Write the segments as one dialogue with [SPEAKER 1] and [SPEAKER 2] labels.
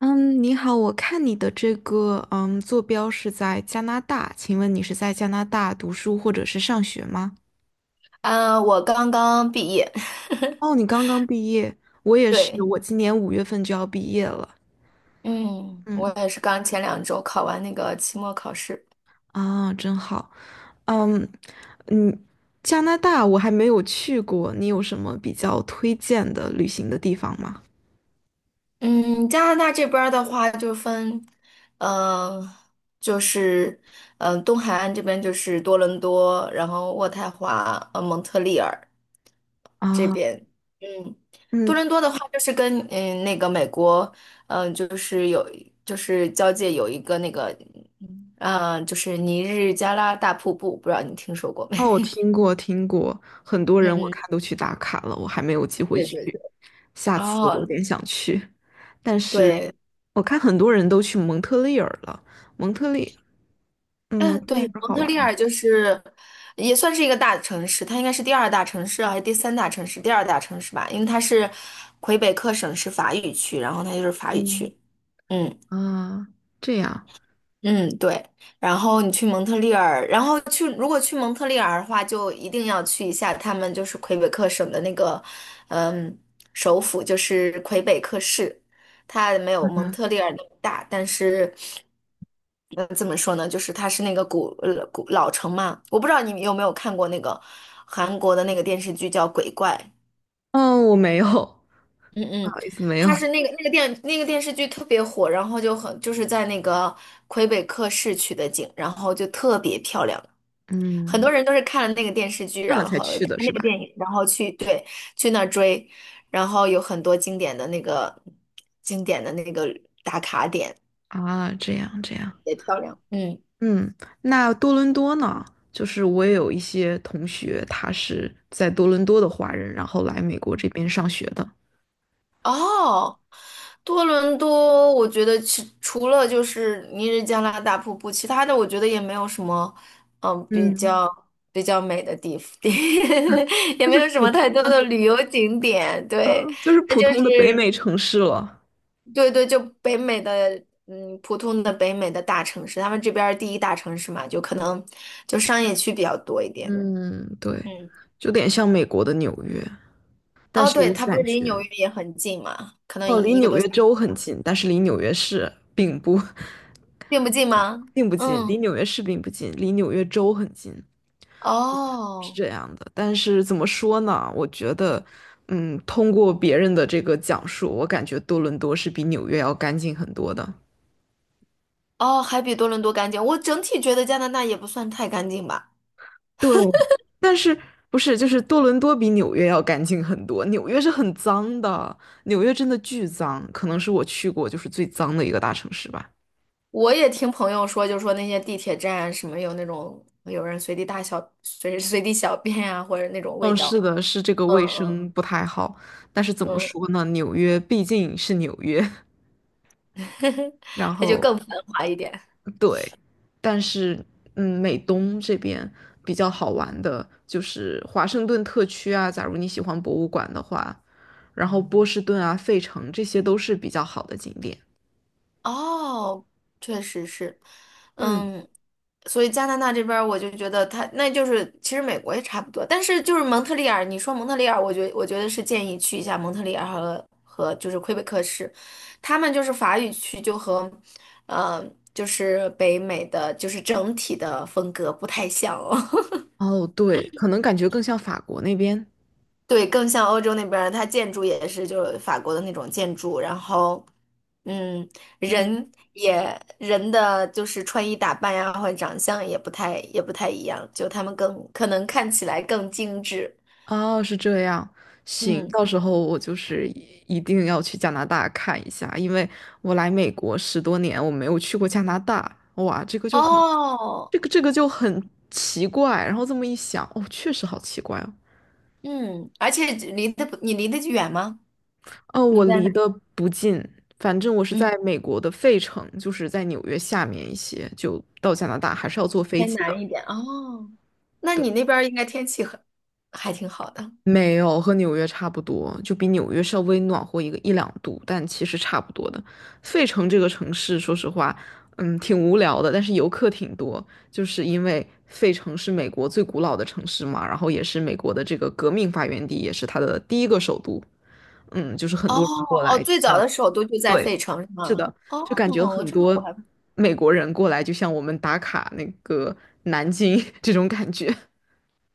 [SPEAKER 1] 嗯，你好，我看你的这个坐标是在加拿大，请问你是在加拿大读书或者是上学吗？
[SPEAKER 2] 嗯，我刚刚毕业。
[SPEAKER 1] 哦，你刚刚毕业，我也是，
[SPEAKER 2] 对。
[SPEAKER 1] 我今年5月份就要毕业了。
[SPEAKER 2] 嗯，我
[SPEAKER 1] 嗯，
[SPEAKER 2] 也是刚前2周考完那个期末考试。
[SPEAKER 1] 啊，真好。嗯嗯，加拿大我还没有去过，你有什么比较推荐的旅行的地方吗？
[SPEAKER 2] 嗯，加拿大这边儿的话就分，嗯、就是东海岸这边就是多伦多，然后渥太华、蒙特利尔这
[SPEAKER 1] 啊，
[SPEAKER 2] 边。嗯，多
[SPEAKER 1] 嗯，
[SPEAKER 2] 伦多的话就是跟那个美国，就是就是交界有一个那个，就是尼日加拉大瀑布，不知道你听说过
[SPEAKER 1] 哦，
[SPEAKER 2] 没？
[SPEAKER 1] 我听过听过，很多 人
[SPEAKER 2] 嗯
[SPEAKER 1] 我看
[SPEAKER 2] 嗯。
[SPEAKER 1] 都去打卡了，我还没有机会
[SPEAKER 2] 对
[SPEAKER 1] 去，
[SPEAKER 2] 对对，
[SPEAKER 1] 下次我有
[SPEAKER 2] 哦，
[SPEAKER 1] 点想去，但是
[SPEAKER 2] 对，
[SPEAKER 1] 我看很多人都去蒙特利尔了，蒙特利，蒙
[SPEAKER 2] 嗯，
[SPEAKER 1] 特
[SPEAKER 2] 对，
[SPEAKER 1] 利尔
[SPEAKER 2] 蒙
[SPEAKER 1] 好
[SPEAKER 2] 特利
[SPEAKER 1] 玩吗？
[SPEAKER 2] 尔就是也算是一个大城市。它应该是第二大城市还是第三大城市？第二大城市吧，因为它是魁北克省是法语区，然后它就是法语
[SPEAKER 1] 嗯
[SPEAKER 2] 区。嗯。
[SPEAKER 1] 啊，这样，
[SPEAKER 2] 嗯，对。然后你去蒙特利尔，然后去，如果去蒙特利尔的话，就一定要去一下他们就是魁北克省的那个，嗯，首府就是魁北克市。它没有蒙
[SPEAKER 1] 嗯，
[SPEAKER 2] 特利尔那么大，但是，嗯，怎么说呢？就是它是那个古老城嘛。我不知道你有没有看过那个韩国的那个电视剧叫《鬼怪》。
[SPEAKER 1] 哦，我没有，
[SPEAKER 2] 嗯
[SPEAKER 1] 不
[SPEAKER 2] 嗯。
[SPEAKER 1] 好意思，没有，
[SPEAKER 2] 它是那个那个电那个电视剧特别火，然后就很就是在那个魁北克市取的景，然后就特别漂亮。很多
[SPEAKER 1] 嗯，
[SPEAKER 2] 人都是看了那个电视剧，
[SPEAKER 1] 看了
[SPEAKER 2] 然
[SPEAKER 1] 才
[SPEAKER 2] 后看
[SPEAKER 1] 去的是
[SPEAKER 2] 那个
[SPEAKER 1] 吧？
[SPEAKER 2] 电影，然后去，对，去那儿追，然后有很多经典的那个打卡点
[SPEAKER 1] 啊，这样这样，
[SPEAKER 2] 也漂亮，嗯。
[SPEAKER 1] 嗯，那多伦多呢？就是我也有一些同学，他是在多伦多的华人，然后来美国这边上学的。
[SPEAKER 2] 哦，多伦多，我觉得除了就是尼日加拉大瀑布，其他的我觉得也没有什么，嗯，比
[SPEAKER 1] 嗯
[SPEAKER 2] 较比较美的地，也
[SPEAKER 1] 就
[SPEAKER 2] 没
[SPEAKER 1] 是
[SPEAKER 2] 有什
[SPEAKER 1] 普
[SPEAKER 2] 么太多的旅游景点。
[SPEAKER 1] 啊，
[SPEAKER 2] 对，
[SPEAKER 1] 就是
[SPEAKER 2] 那
[SPEAKER 1] 普
[SPEAKER 2] 就
[SPEAKER 1] 通的北美
[SPEAKER 2] 是，
[SPEAKER 1] 城市了。
[SPEAKER 2] 对对，就北美的，普通的北美的大城市，他们这边儿第一大城市嘛，就可能就商业区比较多一点。
[SPEAKER 1] 嗯，对，
[SPEAKER 2] 嗯，
[SPEAKER 1] 就有点像美国的纽约，但
[SPEAKER 2] 哦，
[SPEAKER 1] 是
[SPEAKER 2] 对，
[SPEAKER 1] 我
[SPEAKER 2] 它不
[SPEAKER 1] 感
[SPEAKER 2] 是离
[SPEAKER 1] 觉，
[SPEAKER 2] 纽约也很近嘛，可能一
[SPEAKER 1] 哦，离
[SPEAKER 2] 一个
[SPEAKER 1] 纽
[SPEAKER 2] 多
[SPEAKER 1] 约
[SPEAKER 2] 小时。
[SPEAKER 1] 州很近，但是离纽约市并不
[SPEAKER 2] 并不近吗？
[SPEAKER 1] 并不近，离
[SPEAKER 2] 嗯。
[SPEAKER 1] 纽约市并不近，离纽约州很近。是
[SPEAKER 2] 哦
[SPEAKER 1] 这样的，但是怎么说呢？我觉得，通过别人的这个讲述，我感觉多伦多是比纽约要干净很多的。
[SPEAKER 2] 哦，还比多伦多干净。我整体觉得加拿大也不算太干净吧。
[SPEAKER 1] 对，但是不是就是多伦多比纽约要干净很多？纽约是很脏的，纽约真的巨脏，可能是我去过就是最脏的一个大城市吧。
[SPEAKER 2] 我也听朋友说，就说那些地铁站什么有那种有人随地大小、随地小便啊，或者那种味
[SPEAKER 1] 嗯，是
[SPEAKER 2] 道。
[SPEAKER 1] 的，是这个
[SPEAKER 2] 嗯
[SPEAKER 1] 卫
[SPEAKER 2] 嗯
[SPEAKER 1] 生不太好，但是怎么
[SPEAKER 2] 嗯。
[SPEAKER 1] 说呢？纽约毕竟是纽约，然
[SPEAKER 2] 它就
[SPEAKER 1] 后。
[SPEAKER 2] 更繁华一点。
[SPEAKER 1] 对，但是美东这边比较好玩的就是华盛顿特区啊，假如你喜欢博物馆的话，然后波士顿啊、费城这些都是比较好的景点。
[SPEAKER 2] 哦，确实是。
[SPEAKER 1] 嗯，
[SPEAKER 2] 嗯，所以加拿大这边儿我就觉得他那就是其实美国也差不多，但是就是蒙特利尔。你说蒙特利尔，我觉得是建议去一下蒙特利尔和就是魁北克市。他们就是法语区就和，呃，就是北美的就是整体的风格不太像哦。
[SPEAKER 1] 哦，对，可能感觉更像法国那边。
[SPEAKER 2] 对，更像欧洲那边儿它建筑也是就是法国的那种建筑，然后，嗯，
[SPEAKER 1] 嗯。
[SPEAKER 2] 人的就是穿衣打扮呀，或者长相也不太一样，就他们更可能看起来更精致。
[SPEAKER 1] 哦，是这样，行，
[SPEAKER 2] 嗯，
[SPEAKER 1] 到时候我就是一定要去加拿大看一下，因为我来美国10多年，我没有去过加拿大，哇，这个就很，
[SPEAKER 2] 哦，
[SPEAKER 1] 这个就很奇怪，然后这么一想，哦，确实好奇怪哦，
[SPEAKER 2] 嗯，而且离得不，你离得远吗？
[SPEAKER 1] 哦，
[SPEAKER 2] 你
[SPEAKER 1] 我
[SPEAKER 2] 在
[SPEAKER 1] 离
[SPEAKER 2] 哪？
[SPEAKER 1] 得不近，反正我是
[SPEAKER 2] 嗯，
[SPEAKER 1] 在美国的费城，就是在纽约下面一些，就到加拿大还是要坐飞
[SPEAKER 2] 偏
[SPEAKER 1] 机
[SPEAKER 2] 南一
[SPEAKER 1] 的。
[SPEAKER 2] 点。哦，那你那边儿应该天气还挺好的。
[SPEAKER 1] 没有，和纽约差不多，就比纽约稍微暖和一两度，但其实差不多的。费城这个城市，说实话，挺无聊的，但是游客挺多，就是因为费城是美国最古老的城市嘛，然后也是美国的这个革命发源地，也是它的第一个首都。嗯，就是很
[SPEAKER 2] 哦
[SPEAKER 1] 多人过
[SPEAKER 2] 哦，
[SPEAKER 1] 来，
[SPEAKER 2] 最早的首都就在费城是吗？
[SPEAKER 1] 就感觉
[SPEAKER 2] 哦，
[SPEAKER 1] 很
[SPEAKER 2] 这个
[SPEAKER 1] 多
[SPEAKER 2] 我还。
[SPEAKER 1] 美国人过来，就像我们打卡那个南京 这种感觉。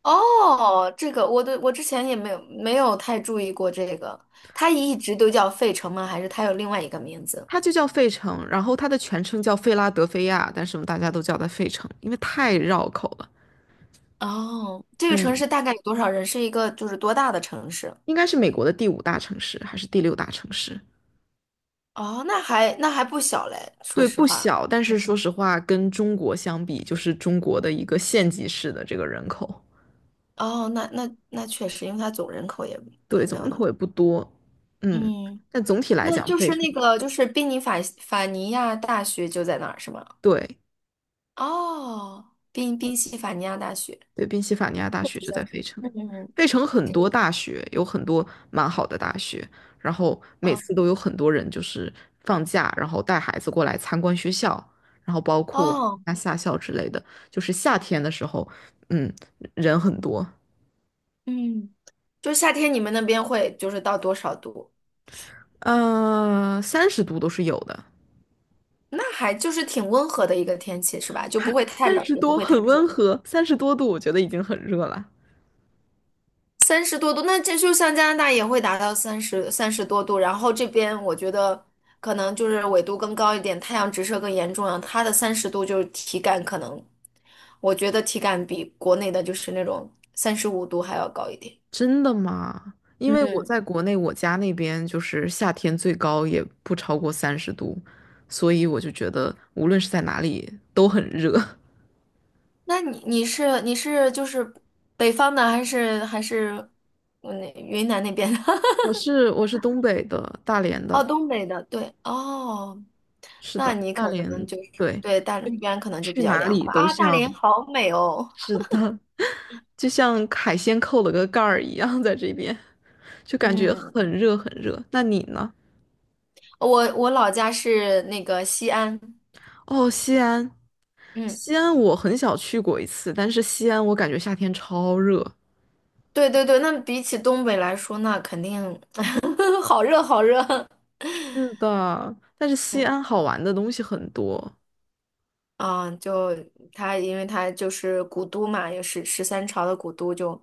[SPEAKER 2] 哦，这个我对，我之前也没有太注意过这个。它一直都叫费城吗？还是它有另外一个名字？
[SPEAKER 1] 它就叫费城，然后它的全称叫费拉德菲亚，但是我们大家都叫它费城，因为太绕口了。
[SPEAKER 2] 哦，这个城
[SPEAKER 1] 嗯，
[SPEAKER 2] 市大概有多少人？是一个就是多大的城市？
[SPEAKER 1] 应该是美国的第五大城市还是第六大城市？
[SPEAKER 2] 哦，那还不小嘞，说
[SPEAKER 1] 对，
[SPEAKER 2] 实
[SPEAKER 1] 不
[SPEAKER 2] 话。
[SPEAKER 1] 小，但是说实话，跟中国相比，就是中国的一个县级市的这个人口，
[SPEAKER 2] 哦，那确实，因为它总人口也
[SPEAKER 1] 对，
[SPEAKER 2] 也没
[SPEAKER 1] 总
[SPEAKER 2] 有
[SPEAKER 1] 人
[SPEAKER 2] 那
[SPEAKER 1] 口
[SPEAKER 2] 么。
[SPEAKER 1] 也不多。嗯，
[SPEAKER 2] 嗯，
[SPEAKER 1] 但总体来
[SPEAKER 2] 那
[SPEAKER 1] 讲，
[SPEAKER 2] 就
[SPEAKER 1] 费
[SPEAKER 2] 是
[SPEAKER 1] 城，
[SPEAKER 2] 那个就是宾尼法法尼亚大学就在那儿是吗？
[SPEAKER 1] 对，
[SPEAKER 2] 哦，宾宾夕法尼亚大学。
[SPEAKER 1] 对，宾夕法尼亚大
[SPEAKER 2] 这个
[SPEAKER 1] 学
[SPEAKER 2] 学
[SPEAKER 1] 就
[SPEAKER 2] 校。
[SPEAKER 1] 在费城。
[SPEAKER 2] 嗯嗯。
[SPEAKER 1] 费城很
[SPEAKER 2] 这
[SPEAKER 1] 多
[SPEAKER 2] 个。
[SPEAKER 1] 大学，有很多蛮好的大学，然后每次
[SPEAKER 2] 哦
[SPEAKER 1] 都有很多人就是放假，然后带孩子过来参观学校，然后包括
[SPEAKER 2] 哦。
[SPEAKER 1] 夏校之类的，就是夏天的时候，嗯，人很多，
[SPEAKER 2] 嗯，就夏天你们那边会就是到多少度？
[SPEAKER 1] 三十度都是有的，
[SPEAKER 2] 那还就是挺温和的一个天气是吧？就不会 太
[SPEAKER 1] 三
[SPEAKER 2] 冷，
[SPEAKER 1] 十
[SPEAKER 2] 也不
[SPEAKER 1] 多
[SPEAKER 2] 会太
[SPEAKER 1] 很温
[SPEAKER 2] 热。
[SPEAKER 1] 和，30多度我觉得已经很热了。
[SPEAKER 2] 三十多度，那这就像加拿大也会达到三十多度。然后这边我觉得可能就是纬度更高一点，太阳直射更严重了，它的30度就是体感可能，我觉得体感比国内的就是那种35度还要高一点。
[SPEAKER 1] 真的吗？因为我
[SPEAKER 2] 嗯，
[SPEAKER 1] 在国内，我家那边就是夏天最高也不超过三十度，所以我就觉得无论是在哪里都很热。
[SPEAKER 2] 那你是就是北方的还是那云南那边的？
[SPEAKER 1] 我 是我是东北的，大连
[SPEAKER 2] 哦，
[SPEAKER 1] 的，
[SPEAKER 2] 东北的，对，哦，
[SPEAKER 1] 是
[SPEAKER 2] 那
[SPEAKER 1] 的，
[SPEAKER 2] 你
[SPEAKER 1] 大
[SPEAKER 2] 可能
[SPEAKER 1] 连，
[SPEAKER 2] 就是
[SPEAKER 1] 对，
[SPEAKER 2] 对，那边可能就比
[SPEAKER 1] 去
[SPEAKER 2] 较
[SPEAKER 1] 哪
[SPEAKER 2] 凉
[SPEAKER 1] 里
[SPEAKER 2] 快
[SPEAKER 1] 都
[SPEAKER 2] 啊。大连
[SPEAKER 1] 像，
[SPEAKER 2] 好美哦。
[SPEAKER 1] 是的，就像海鲜扣了个盖儿一样，在这边就感觉
[SPEAKER 2] 嗯，
[SPEAKER 1] 很热很热。那你呢？
[SPEAKER 2] 我老家是那个西安。
[SPEAKER 1] 哦，西安，
[SPEAKER 2] 嗯，
[SPEAKER 1] 西安我很小去过一次，但是西安我感觉夏天超热。
[SPEAKER 2] 对对对。那比起东北来说，那肯定 好热好热。
[SPEAKER 1] 是的，但是西
[SPEAKER 2] 嗯
[SPEAKER 1] 安好玩的东西很多。
[SPEAKER 2] 啊，因为它就是古都嘛，也是13朝的古都，就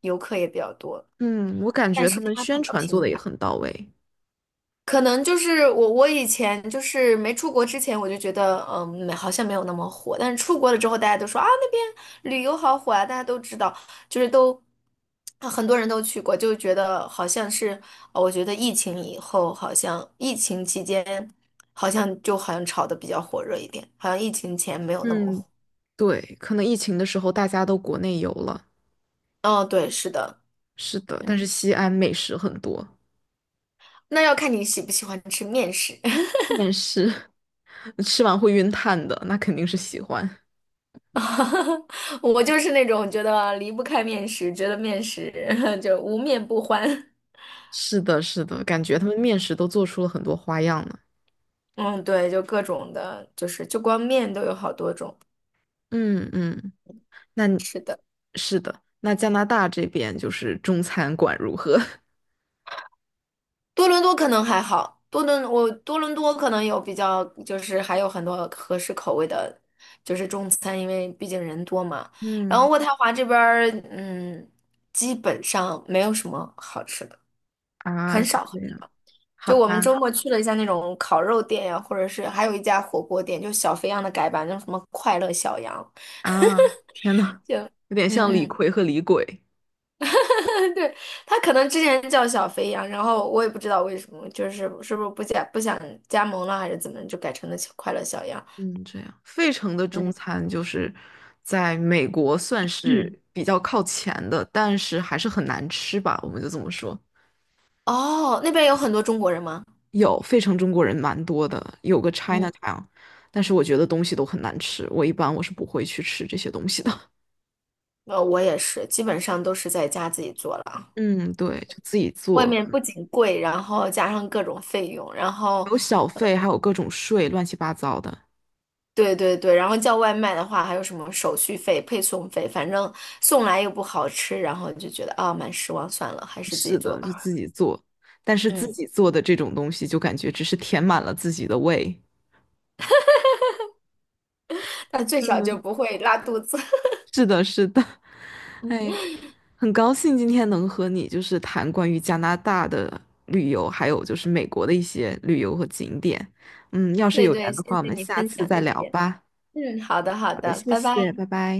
[SPEAKER 2] 游客也比较多。
[SPEAKER 1] 嗯，我感
[SPEAKER 2] 但
[SPEAKER 1] 觉他
[SPEAKER 2] 是
[SPEAKER 1] 们
[SPEAKER 2] 它比
[SPEAKER 1] 宣
[SPEAKER 2] 较
[SPEAKER 1] 传做
[SPEAKER 2] 平
[SPEAKER 1] 的也
[SPEAKER 2] 凡。
[SPEAKER 1] 很到位。
[SPEAKER 2] 可能就是我以前就是没出国之前，我就觉得，没好像没有那么火。但是出国了之后，大家都说啊，那边旅游好火啊，大家都知道，就是都啊很多人都去过，就觉得好像是。我觉得疫情以后，好像疫情期间，好像就好像炒的比较火热一点，好像疫情前没有那么
[SPEAKER 1] 嗯，
[SPEAKER 2] 火。
[SPEAKER 1] 对，可能疫情的时候大家都国内游了，
[SPEAKER 2] 哦，对，是的。
[SPEAKER 1] 是的，
[SPEAKER 2] 嗯，
[SPEAKER 1] 但是西安美食很多，
[SPEAKER 2] 那要看你喜不喜欢吃面食。
[SPEAKER 1] 但食 吃完会晕碳的，那肯定是喜欢。
[SPEAKER 2] 我就是那种觉得离不开面食，觉得面食 就无面不欢。
[SPEAKER 1] 是的，是的，感觉他们面食都做出了很多花样呢。
[SPEAKER 2] 嗯，对。就各种的，就是就光面都有好多种。
[SPEAKER 1] 嗯嗯，那你
[SPEAKER 2] 是的，
[SPEAKER 1] 是的，那加拿大这边就是中餐馆如何？
[SPEAKER 2] 多伦多可能还好。多伦多可能有比较，就是还有很多合适口味的，就是中餐，因为毕竟人多嘛。然后
[SPEAKER 1] 嗯，
[SPEAKER 2] 渥太华这边儿，基本上没有什么好吃的，
[SPEAKER 1] 啊，
[SPEAKER 2] 很
[SPEAKER 1] 是
[SPEAKER 2] 少。
[SPEAKER 1] 这样，好
[SPEAKER 2] 就我们周
[SPEAKER 1] 吧。
[SPEAKER 2] 末去了一下那种烤肉店呀、或者是还有一家火锅店，就小肥羊的改版，叫什么快乐小羊。
[SPEAKER 1] 啊，天呐，有点
[SPEAKER 2] 嗯
[SPEAKER 1] 像李
[SPEAKER 2] 嗯。
[SPEAKER 1] 逵和李鬼。
[SPEAKER 2] 对，他可能之前叫小肥羊，然后我也不知道为什么，就是是不是不想加盟了，还是怎么就改成了小快乐小羊。
[SPEAKER 1] 嗯，这样，费城的中
[SPEAKER 2] 嗯
[SPEAKER 1] 餐就是在美国算
[SPEAKER 2] 嗯。
[SPEAKER 1] 是比较靠前的，但是还是很难吃吧，我们就这么说。
[SPEAKER 2] 哦，那边有很多中国人吗？
[SPEAKER 1] 有费城中国人蛮多的，有个
[SPEAKER 2] 嗯，
[SPEAKER 1] Chinatown，但是我觉得东西都很难吃，我一般我是不会去吃这些东西的。
[SPEAKER 2] 我也是，基本上都是在家自己做了啊。
[SPEAKER 1] 嗯，对，就自己
[SPEAKER 2] 外
[SPEAKER 1] 做，
[SPEAKER 2] 面
[SPEAKER 1] 可
[SPEAKER 2] 不
[SPEAKER 1] 能
[SPEAKER 2] 仅贵，然后加上各种费用，然
[SPEAKER 1] 还
[SPEAKER 2] 后。
[SPEAKER 1] 有小费，还有各种税，乱七八糟的。
[SPEAKER 2] 对对对，然后叫外卖的话，还有什么手续费、配送费，反正送来又不好吃，然后就觉得啊，蛮失望，算了，还是自己
[SPEAKER 1] 是
[SPEAKER 2] 做
[SPEAKER 1] 的，就
[SPEAKER 2] 吧。
[SPEAKER 1] 自己做，但是自
[SPEAKER 2] 嗯，
[SPEAKER 1] 己做的这种东西就感觉只是填满了自己的胃。
[SPEAKER 2] 但最少就
[SPEAKER 1] 嗯，
[SPEAKER 2] 不会拉肚子。
[SPEAKER 1] 是的，是的，哎呀，很高兴今天能和你就是谈关于加拿大的旅游，还有就是美国的一些旅游和景点。要是
[SPEAKER 2] 对
[SPEAKER 1] 有
[SPEAKER 2] 对，
[SPEAKER 1] 缘的
[SPEAKER 2] 谢
[SPEAKER 1] 话，我
[SPEAKER 2] 谢
[SPEAKER 1] 们
[SPEAKER 2] 你
[SPEAKER 1] 下
[SPEAKER 2] 分
[SPEAKER 1] 次
[SPEAKER 2] 享
[SPEAKER 1] 再
[SPEAKER 2] 这
[SPEAKER 1] 聊
[SPEAKER 2] 些。
[SPEAKER 1] 吧。
[SPEAKER 2] 嗯，好的好
[SPEAKER 1] 好的，
[SPEAKER 2] 的，
[SPEAKER 1] 谢
[SPEAKER 2] 拜拜。
[SPEAKER 1] 谢，拜拜。